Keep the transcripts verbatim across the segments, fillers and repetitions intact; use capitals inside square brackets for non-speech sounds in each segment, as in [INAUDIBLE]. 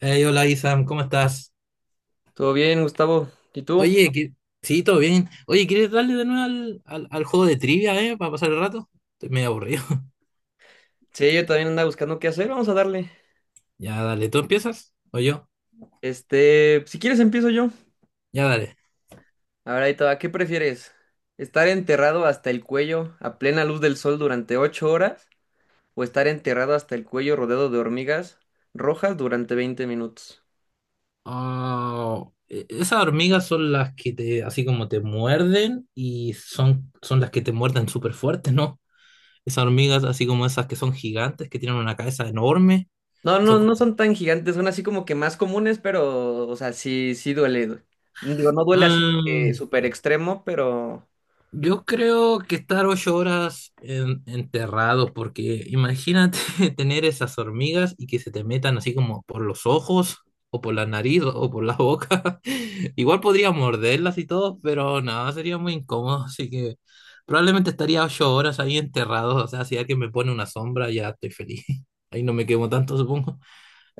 Hey, hola Isam, ¿cómo estás? Todo bien, Gustavo. ¿Y tú? Oye, que... sí, todo bien. Oye, ¿quieres darle de nuevo al, al, al juego de trivia, ¿eh? Para pasar el rato. Estoy medio aburrido. [LAUGHS] Sí, yo también andaba buscando qué hacer. Vamos a darle. Ya, dale, ¿tú empiezas? ¿O yo? Este, si quieres empiezo yo. Ya, dale. A ver, ahí te va. ¿Qué prefieres? ¿Estar enterrado hasta el cuello a plena luz del sol durante ocho horas? ¿O estar enterrado hasta el cuello rodeado de hormigas rojas durante veinte minutos? Ah, e- esas hormigas son las que te, así como te muerden y son, son las que te muerden súper fuerte, ¿no? Esas hormigas, así como esas que son gigantes, que tienen una cabeza enorme. No, no, Son... no como- son tan gigantes, son así como que más comunes, pero, o sea, sí, sí duele. Digo, no duele así de ah, que súper extremo, pero Yo creo que estar ocho horas en- enterrado, porque imagínate [LAUGHS] tener esas hormigas y que se te metan así como por los ojos, o por la nariz, o por la boca. [LAUGHS] Igual podría morderlas y todo, pero nada, sería muy incómodo. Así que probablemente estaría ocho horas ahí enterrado. O sea, si alguien me pone una sombra, ya estoy feliz. [LAUGHS] Ahí no me quemo tanto, supongo.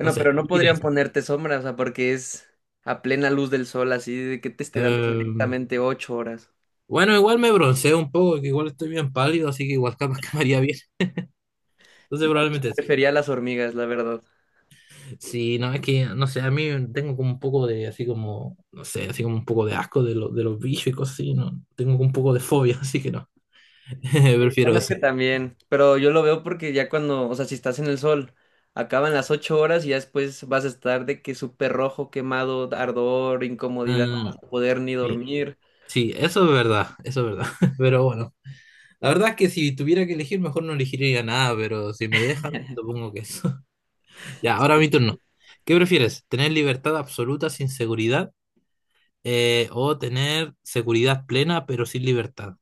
No sé, pero no elegiré podrían eso. ponerte sombra, o sea, porque es a plena luz del sol, así de que te esté dando Em, directamente ocho horas. bueno, igual me bronceo un poco, que igual estoy bien pálido, así que igual [LAUGHS] capaz que me haría bien. Entonces, No, yo sí probablemente. prefería las hormigas, la verdad. Sí, no, es que, no sé, a mí tengo como un poco de, así como, no sé, así como un poco de asco de, lo- de los bichos y cosas así, ¿no? Tengo como un poco de fobia, [LAUGHS] así que no, [LAUGHS] Eh, prefiero Bueno, es eso. que también, pero yo lo veo porque ya cuando, o sea, si estás en el sol, acaban las ocho horas y ya después vas a estar de que súper rojo, quemado, ardor, incomodidad, no vas Ah, a poder ni sí, dormir. sí, eso es verdad, eso es verdad, [LAUGHS] pero bueno, la verdad es que si tuviera que elegir, mejor no elegiría nada, pero si me dejan, supongo que eso. [LAUGHS] Ya, ahora mi turno. ¿Qué prefieres? ¿Tener libertad absoluta sin seguridad, eh, o tener seguridad plena pero sin libertad?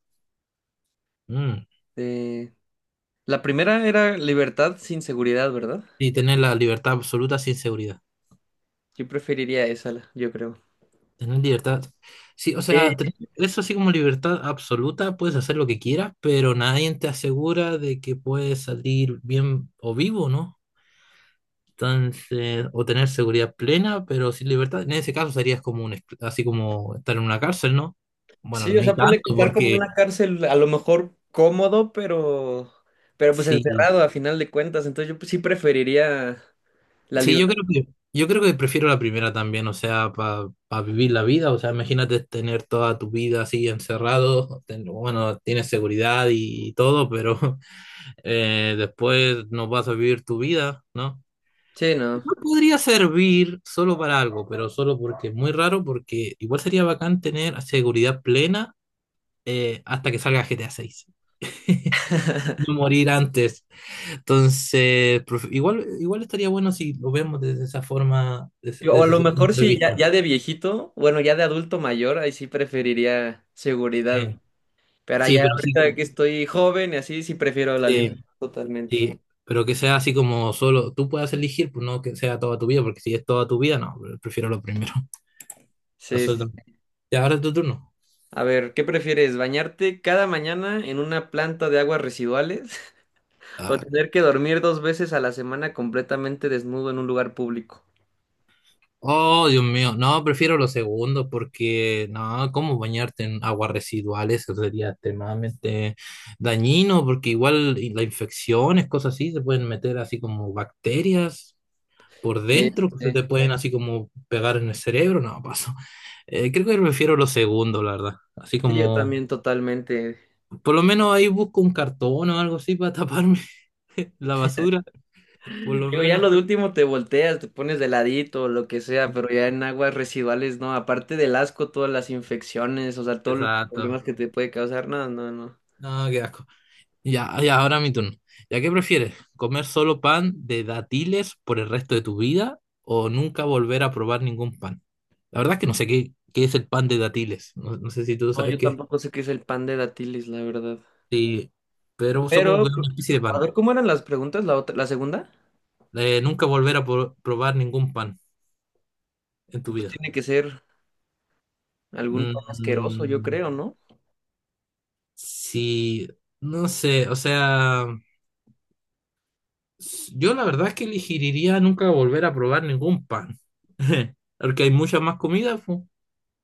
Mm, Eh, la primera era libertad sin seguridad, ¿verdad? Sí, tener la libertad absoluta sin seguridad. Yo preferiría esa, la- yo creo. Tener libertad. Sí, o sea, tener eso así como libertad absoluta, puedes hacer lo que quieras, pero nadie te asegura de que puedes salir bien o vivo, ¿no? Entonces, o tener seguridad plena, pero sin libertad. En ese caso serías como un, escl- así como estar en una cárcel, ¿no? Bueno, Sí, no o hay sea, ponle que tanto, estar como en porque una cárcel, a lo mejor cómodo, pero, pero pues sí, encerrado a final de cuentas. Entonces yo pues, sí preferiría la sí, yo libertad. creo que, yo creo que prefiero la primera también, o sea, para vivir la vida, o sea, imagínate tener toda tu vida así encerrado, ten- bueno, tienes seguridad y todo, pero eh, después no vas a vivir tu vida, ¿no? Sí, no. Igual podría servir solo para algo, pero solo porque es muy raro, porque igual sería bacán tener seguridad plena eh, hasta que salga G T A seis. [LAUGHS] [LAUGHS] No morir antes. Entonces, profe- igual, igual estaría bueno si lo vemos desde esa forma, desde, Yo- O a desde lo ese mejor punto de sí, ya, vista. ya de viejito, bueno, ya de adulto mayor, ahí sí preferiría seguridad. Eh, Pero sí, ya pero sí, ahorita que como- estoy joven y así, sí prefiero la libertad sí, totalmente. sí, pero que sea así como solo tú puedas elegir, pues no que sea toda tu vida, porque si es toda tu vida, no, prefiero lo primero. Sí, sí. Absolutamente. Y ahora es tu turno. A ver, ¿qué prefieres? ¿Bañarte cada mañana en una planta de aguas residuales [LAUGHS] o Ah, tener que dormir dos veces a la semana completamente desnudo en un lugar público? Oh, Dios mío. No, prefiero los segundos porque, no, ¿cómo bañarte en aguas residuales? Eso sería extremadamente dañino porque igual y las infecciones, cosas así, se pueden meter así como bacterias por Sí, dentro, que se te sí. pueden así como pegar en el cerebro. No, paso. Eh, creo que prefiero los segundos, la verdad. Así Sí, yo como, también totalmente. por lo menos ahí busco un cartón o algo así para taparme [LAUGHS] la basura, por lo Digo, ya menos. lo de último te volteas, te pones de ladito, o lo que sea, pero ya en aguas residuales, no, aparte del asco, todas las infecciones, o sea, todos los Exacto. problemas que te puede causar, no, no, no. No, qué asco. Ya, ya, ahora mi turno. ¿Ya qué prefieres? ¿Comer solo pan de dátiles por el resto de tu vida o nunca volver a probar ningún pan? La verdad es que no sé qué, qué es el pan de dátiles. No, no sé si tú No, sabes yo qué. tampoco sé qué es el pan de dátiles, la verdad. Sí, pero supongo que Pero, es una especie de a pan. ver, ¿cómo eran las preguntas, la otra, la segunda? Eh, nunca volver a pro- probar ningún pan en tu Entonces vida. tiene que ser algún pan asqueroso, yo Mm, creo, ¿no? sí, no sé, o sea, s- yo la verdad es que elegiría nunca volver a probar ningún pan. [LAUGHS] Porque hay mucha más comida.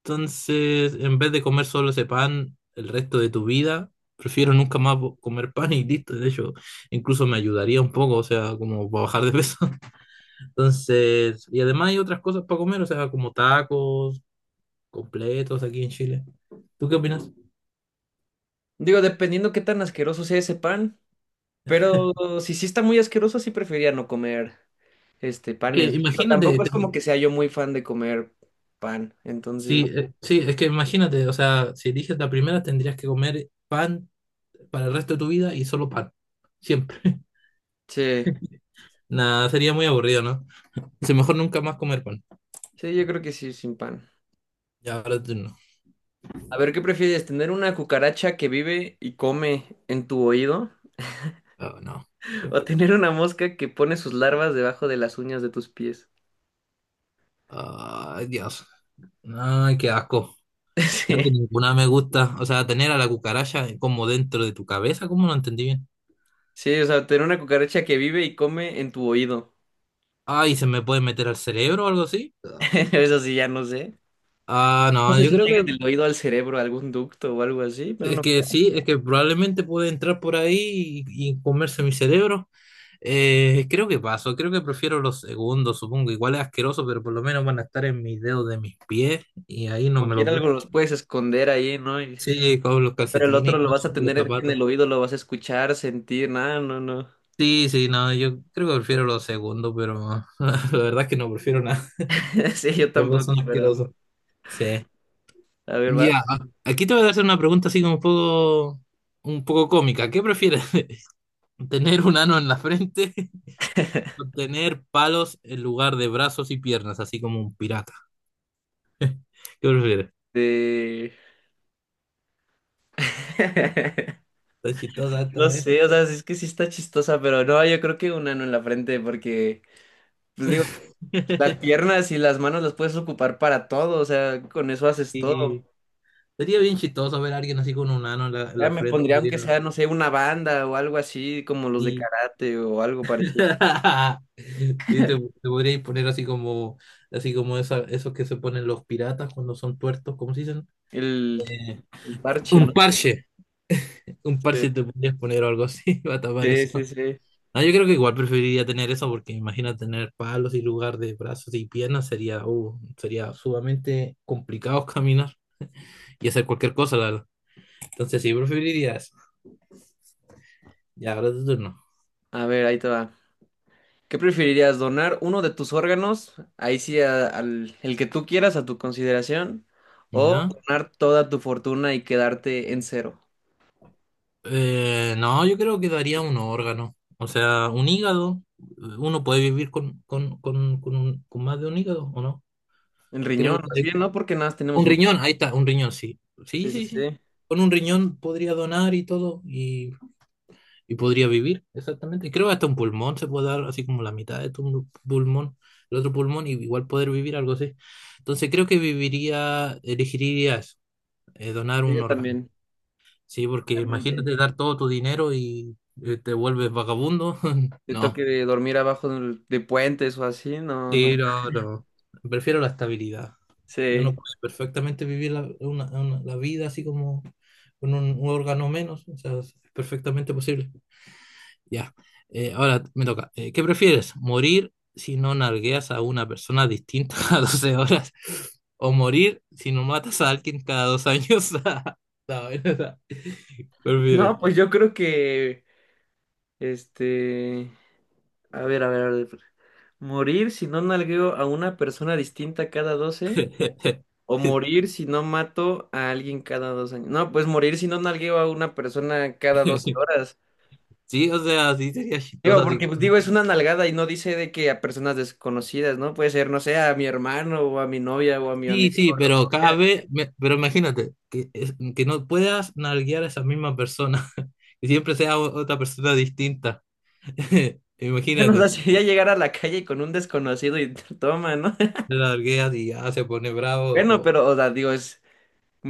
Entonces, en vez de comer solo ese pan el resto de tu vida, prefiero nunca más vo- comer pan y listo. De hecho, incluso me ayudaría un poco, o sea, como para bajar de peso. [LAUGHS] Entonces, y además hay otras cosas para comer, o sea, como tacos, completos aquí en Chile. ¿Tú qué opinas? Digo, dependiendo qué tan asqueroso sea ese pan, pero si sí está muy asqueroso, sí preferiría no comer. este, Es Que panes. Digo, imagínate, tampoco es te- como que sea yo muy fan de comer pan, entonces, sí, eh, sí, es que imagínate, o sea, si eliges la primera, tendrías que comer pan para el resto de tu vida y solo pan, siempre. sí, Nada, sería muy aburrido, ¿no? Sí, mejor nunca más comer pan. sí, yo creo que sí, sin pan. Ya, ahora tú. A ver, ¿qué prefieres? ¿Tener una cucaracha que vive y come en tu oído? Ah, no. [LAUGHS] ¿O tener una mosca que pone sus larvas debajo de las uñas de tus pies? Ay, Dios. Ay, qué asco. [LAUGHS] Creo que Sí, ninguna me gusta. O sea, tener a la cucaracha como dentro de tu cabeza, ¿cómo no entendí bien? sí, o sea, tener una cucaracha que vive y come en tu oído. Ay, ¿se me puede meter al cerebro o algo así? [LAUGHS] Eso sí, ya no sé. Ah, No no, sé yo si creo llegue que del oído al cerebro algún ducto o algo así, pero es no que creo. sí, es que probablemente puede entrar por ahí y, y comerse mi cerebro. Eh, creo que paso, creo que prefiero los segundos, supongo. Igual es asqueroso, pero por lo menos van a estar en mis dedos de mis pies y ahí no Como me los quiera ve. algo los puedes esconder ahí, ¿no? Y Sí, con los pero el calcetines otro y lo vas a con los tener en el zapatos. oído, lo vas a escuchar, sentir, nada, no, no. Sí, sí, no, yo creo que prefiero lo segundo, pero [LAUGHS] la verdad es que no prefiero nada. [LAUGHS] [LAUGHS] Sí, yo Los dos tampoco, son pero asquerosos. Sí. a ver, vas. Ya, a- aquí te voy a hacer una pregunta así como un poco, un poco cómica. ¿Qué prefieres? [LAUGHS] ¿Tener un ano en la frente [LAUGHS] o tener palos en lugar de brazos y piernas, así como un pirata? ¿Qué prefieres? De... [LAUGHS] Está chistosa No esta, ¿eh? sé, o sea, es que sí está chistosa, pero no, yo creo que un ano en la frente, porque, pues digo, las [LAUGHS] piernas y las manos las puedes ocupar para todo, o sea, con eso haces todo. Y sería bien chistoso ver a alguien así con un ano en la, en Ya la me frente. pondría, Sería, aunque sea, no sé, una banda o algo así, como los de sí. karate o algo parecido. [LAUGHS] Sí, te, te podríais poner así como, así como esa- esos que se ponen los piratas cuando son tuertos, ¿cómo se dicen? El, Eh, el parche, ¿no? un parche, un Sí, parche te podrías poner o algo así [LAUGHS] para tapar sí, eso. sí, sí. No, yo creo que igual preferiría tener eso porque imagina tener palos y lugar de brazos y piernas sería, uh, sería sumamente complicado [LAUGHS] caminar y hacer cualquier cosa, la verdad. Entonces sí, preferiría eso. Ya, ahora es tu turno. A ver, ahí te va. ¿Qué preferirías, donar uno de tus órganos, ahí sí a- al el que tú quieras a tu consideración, o ¿Ya? donar toda tu fortuna y quedarte en cero? Eh, no, yo creo que daría un órgano, o sea, un hígado. eh, Uno puede vivir con, con, con, con, un- con más de un hígado, ¿o no? En Creo riñón, más que bien, ¿no? Porque nada más tenemos un un... riñón, ahí está, un riñón, sí. Sí, Sí, sí, sí, sí. sí. Con un riñón podría donar y todo, y, y podría vivir, exactamente. Y creo que hasta un pulmón se puede dar, así como la mitad de tu pulmón, el otro pulmón, y igual poder vivir algo así. Entonces creo que viviría, elegiría eso, eh, donar Sí, un yo órgano. también, Sí, porque totalmente. imagínate dar todo tu dinero y eh, te vuelves vagabundo. [LAUGHS] Te No, toque dormir abajo del- de, puentes o así, no, no, no. sí, no, no. Prefiero la estabilidad. Y uno Sí. puede perfectamente vivir la, una- una- la vida así como con un, un órgano menos. O sea, es perfectamente posible. Ya. Eh, ahora me toca. Eh, ¿qué prefieres? ¿Morir si no nargueas a una persona distinta [LAUGHS] a doce horas? ¿O morir si no matas a alguien cada dos años? [LAUGHS] No, [LAUGHS] ¿verdad? Prefieres. No, pues yo creo que, este, a ver, a ver, a ver. Morir si no nalgueo a una persona distinta cada doce o [LAUGHS] morir si no mato a alguien cada dos años. No, pues morir si no nalgueo a una persona cada doce horas. Sí, o sea, sí sería chistoso Digo, así. porque pues digo, es una nalgada y no dice de que a personas desconocidas, ¿no? Puede ser, no sé, a mi hermano o a mi novia o a mi Sí, amigo sí, o lo pero que cada sea. [LAUGHS] vez, me- pero imagínate, que, es- que no puedas nalguear a esa misma persona, [LAUGHS] que siempre sea o- otra persona distinta. [LAUGHS] Bueno, o sea, [LAUGHS] Imagínate, sería llegar a la calle con un desconocido y [LAUGHS] toma, ¿no? [LAUGHS] te nalgueas y ya se pone bravo, Bueno, o pero, o sea, digo, es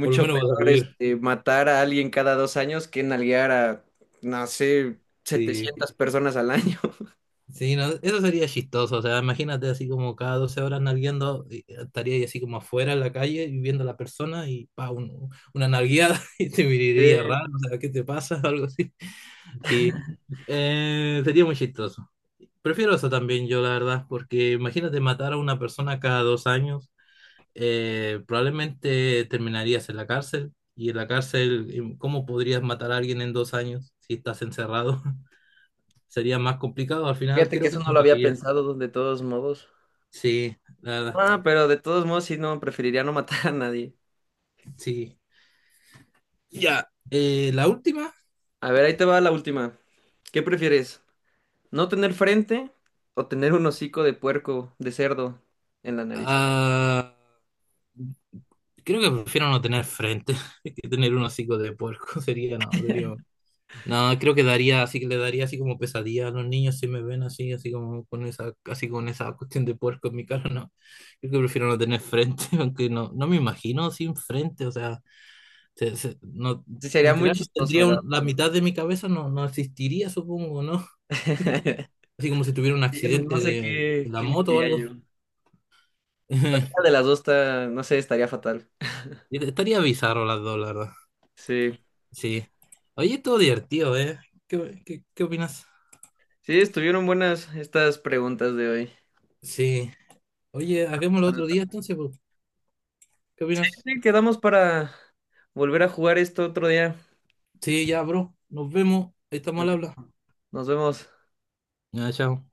por lo menos vas a peor vivir. este, matar a alguien cada dos años que nalguear a, no sé, Sí, setecientas personas al año. [LAUGHS] sí, no, eso sería chistoso, o sea, imagínate así como cada doce horas nalgueando, y estaría ahí así como afuera en la calle y viendo a la persona y pa, un- una nalgueada [LAUGHS] y te Sí, miraría raro, o sea, ¿qué te pasa? [LAUGHS] Algo así. Sí, eh, sería muy chistoso. Prefiero eso también yo, la verdad, porque imagínate matar a una persona cada dos años, eh, probablemente terminarías en la cárcel y en la cárcel, em, ¿cómo podrías matar a alguien en dos años si estás encerrado? [LAUGHS] Sería más complicado, al final fíjate que creo que eso no lo había morirías. pensado de todos modos. Sí, la verdad, Ah, pero de todos modos, sí, no, preferiría no matar a nadie. sí. Ya, eh, la última, A ver, ahí te va la última. ¿Qué prefieres? ¿No tener frente o tener un hocico de puerco, de cerdo, en la nariz? ah, creo que prefiero no tener frente [LAUGHS] que tener un hocico de puerco. [LAUGHS] Sería, no, sería. No, creo que daría, así que le daría así como pesadilla a los niños si me ven así, así como con esa, así con esa cuestión de puerco en mi cara, no. Creo que prefiero no tener frente, [LAUGHS] aunque no, no me imagino sin frente, o sea, se- se- no, Sí, sería muy literal no chistoso, tendría ¿verdad? un- la mitad de mi cabeza no, no existiría, supongo, ¿no? [LAUGHS] Así como si tuviera un Yo accidente no sé de, de, qué, la qué moto o elegiría algo. yo. Cualquiera de [LAUGHS] las dos está, no sé, estaría fatal. Estaría bizarro las dos, la verdad. Sí. Sí. Oye, todo divertido, ¿eh? ¿Qué, qué, qué opinas? Sí, estuvieron buenas estas preguntas de hoy. Sí. Oye, hagámoslo otro día entonces, pues. ¿Qué opinas? Sí, quedamos para volver a jugar esto otro día. Sí, ya, bro. Nos vemos. Ahí estamos al habla. Perfecto. Nos vemos. Ya, chao.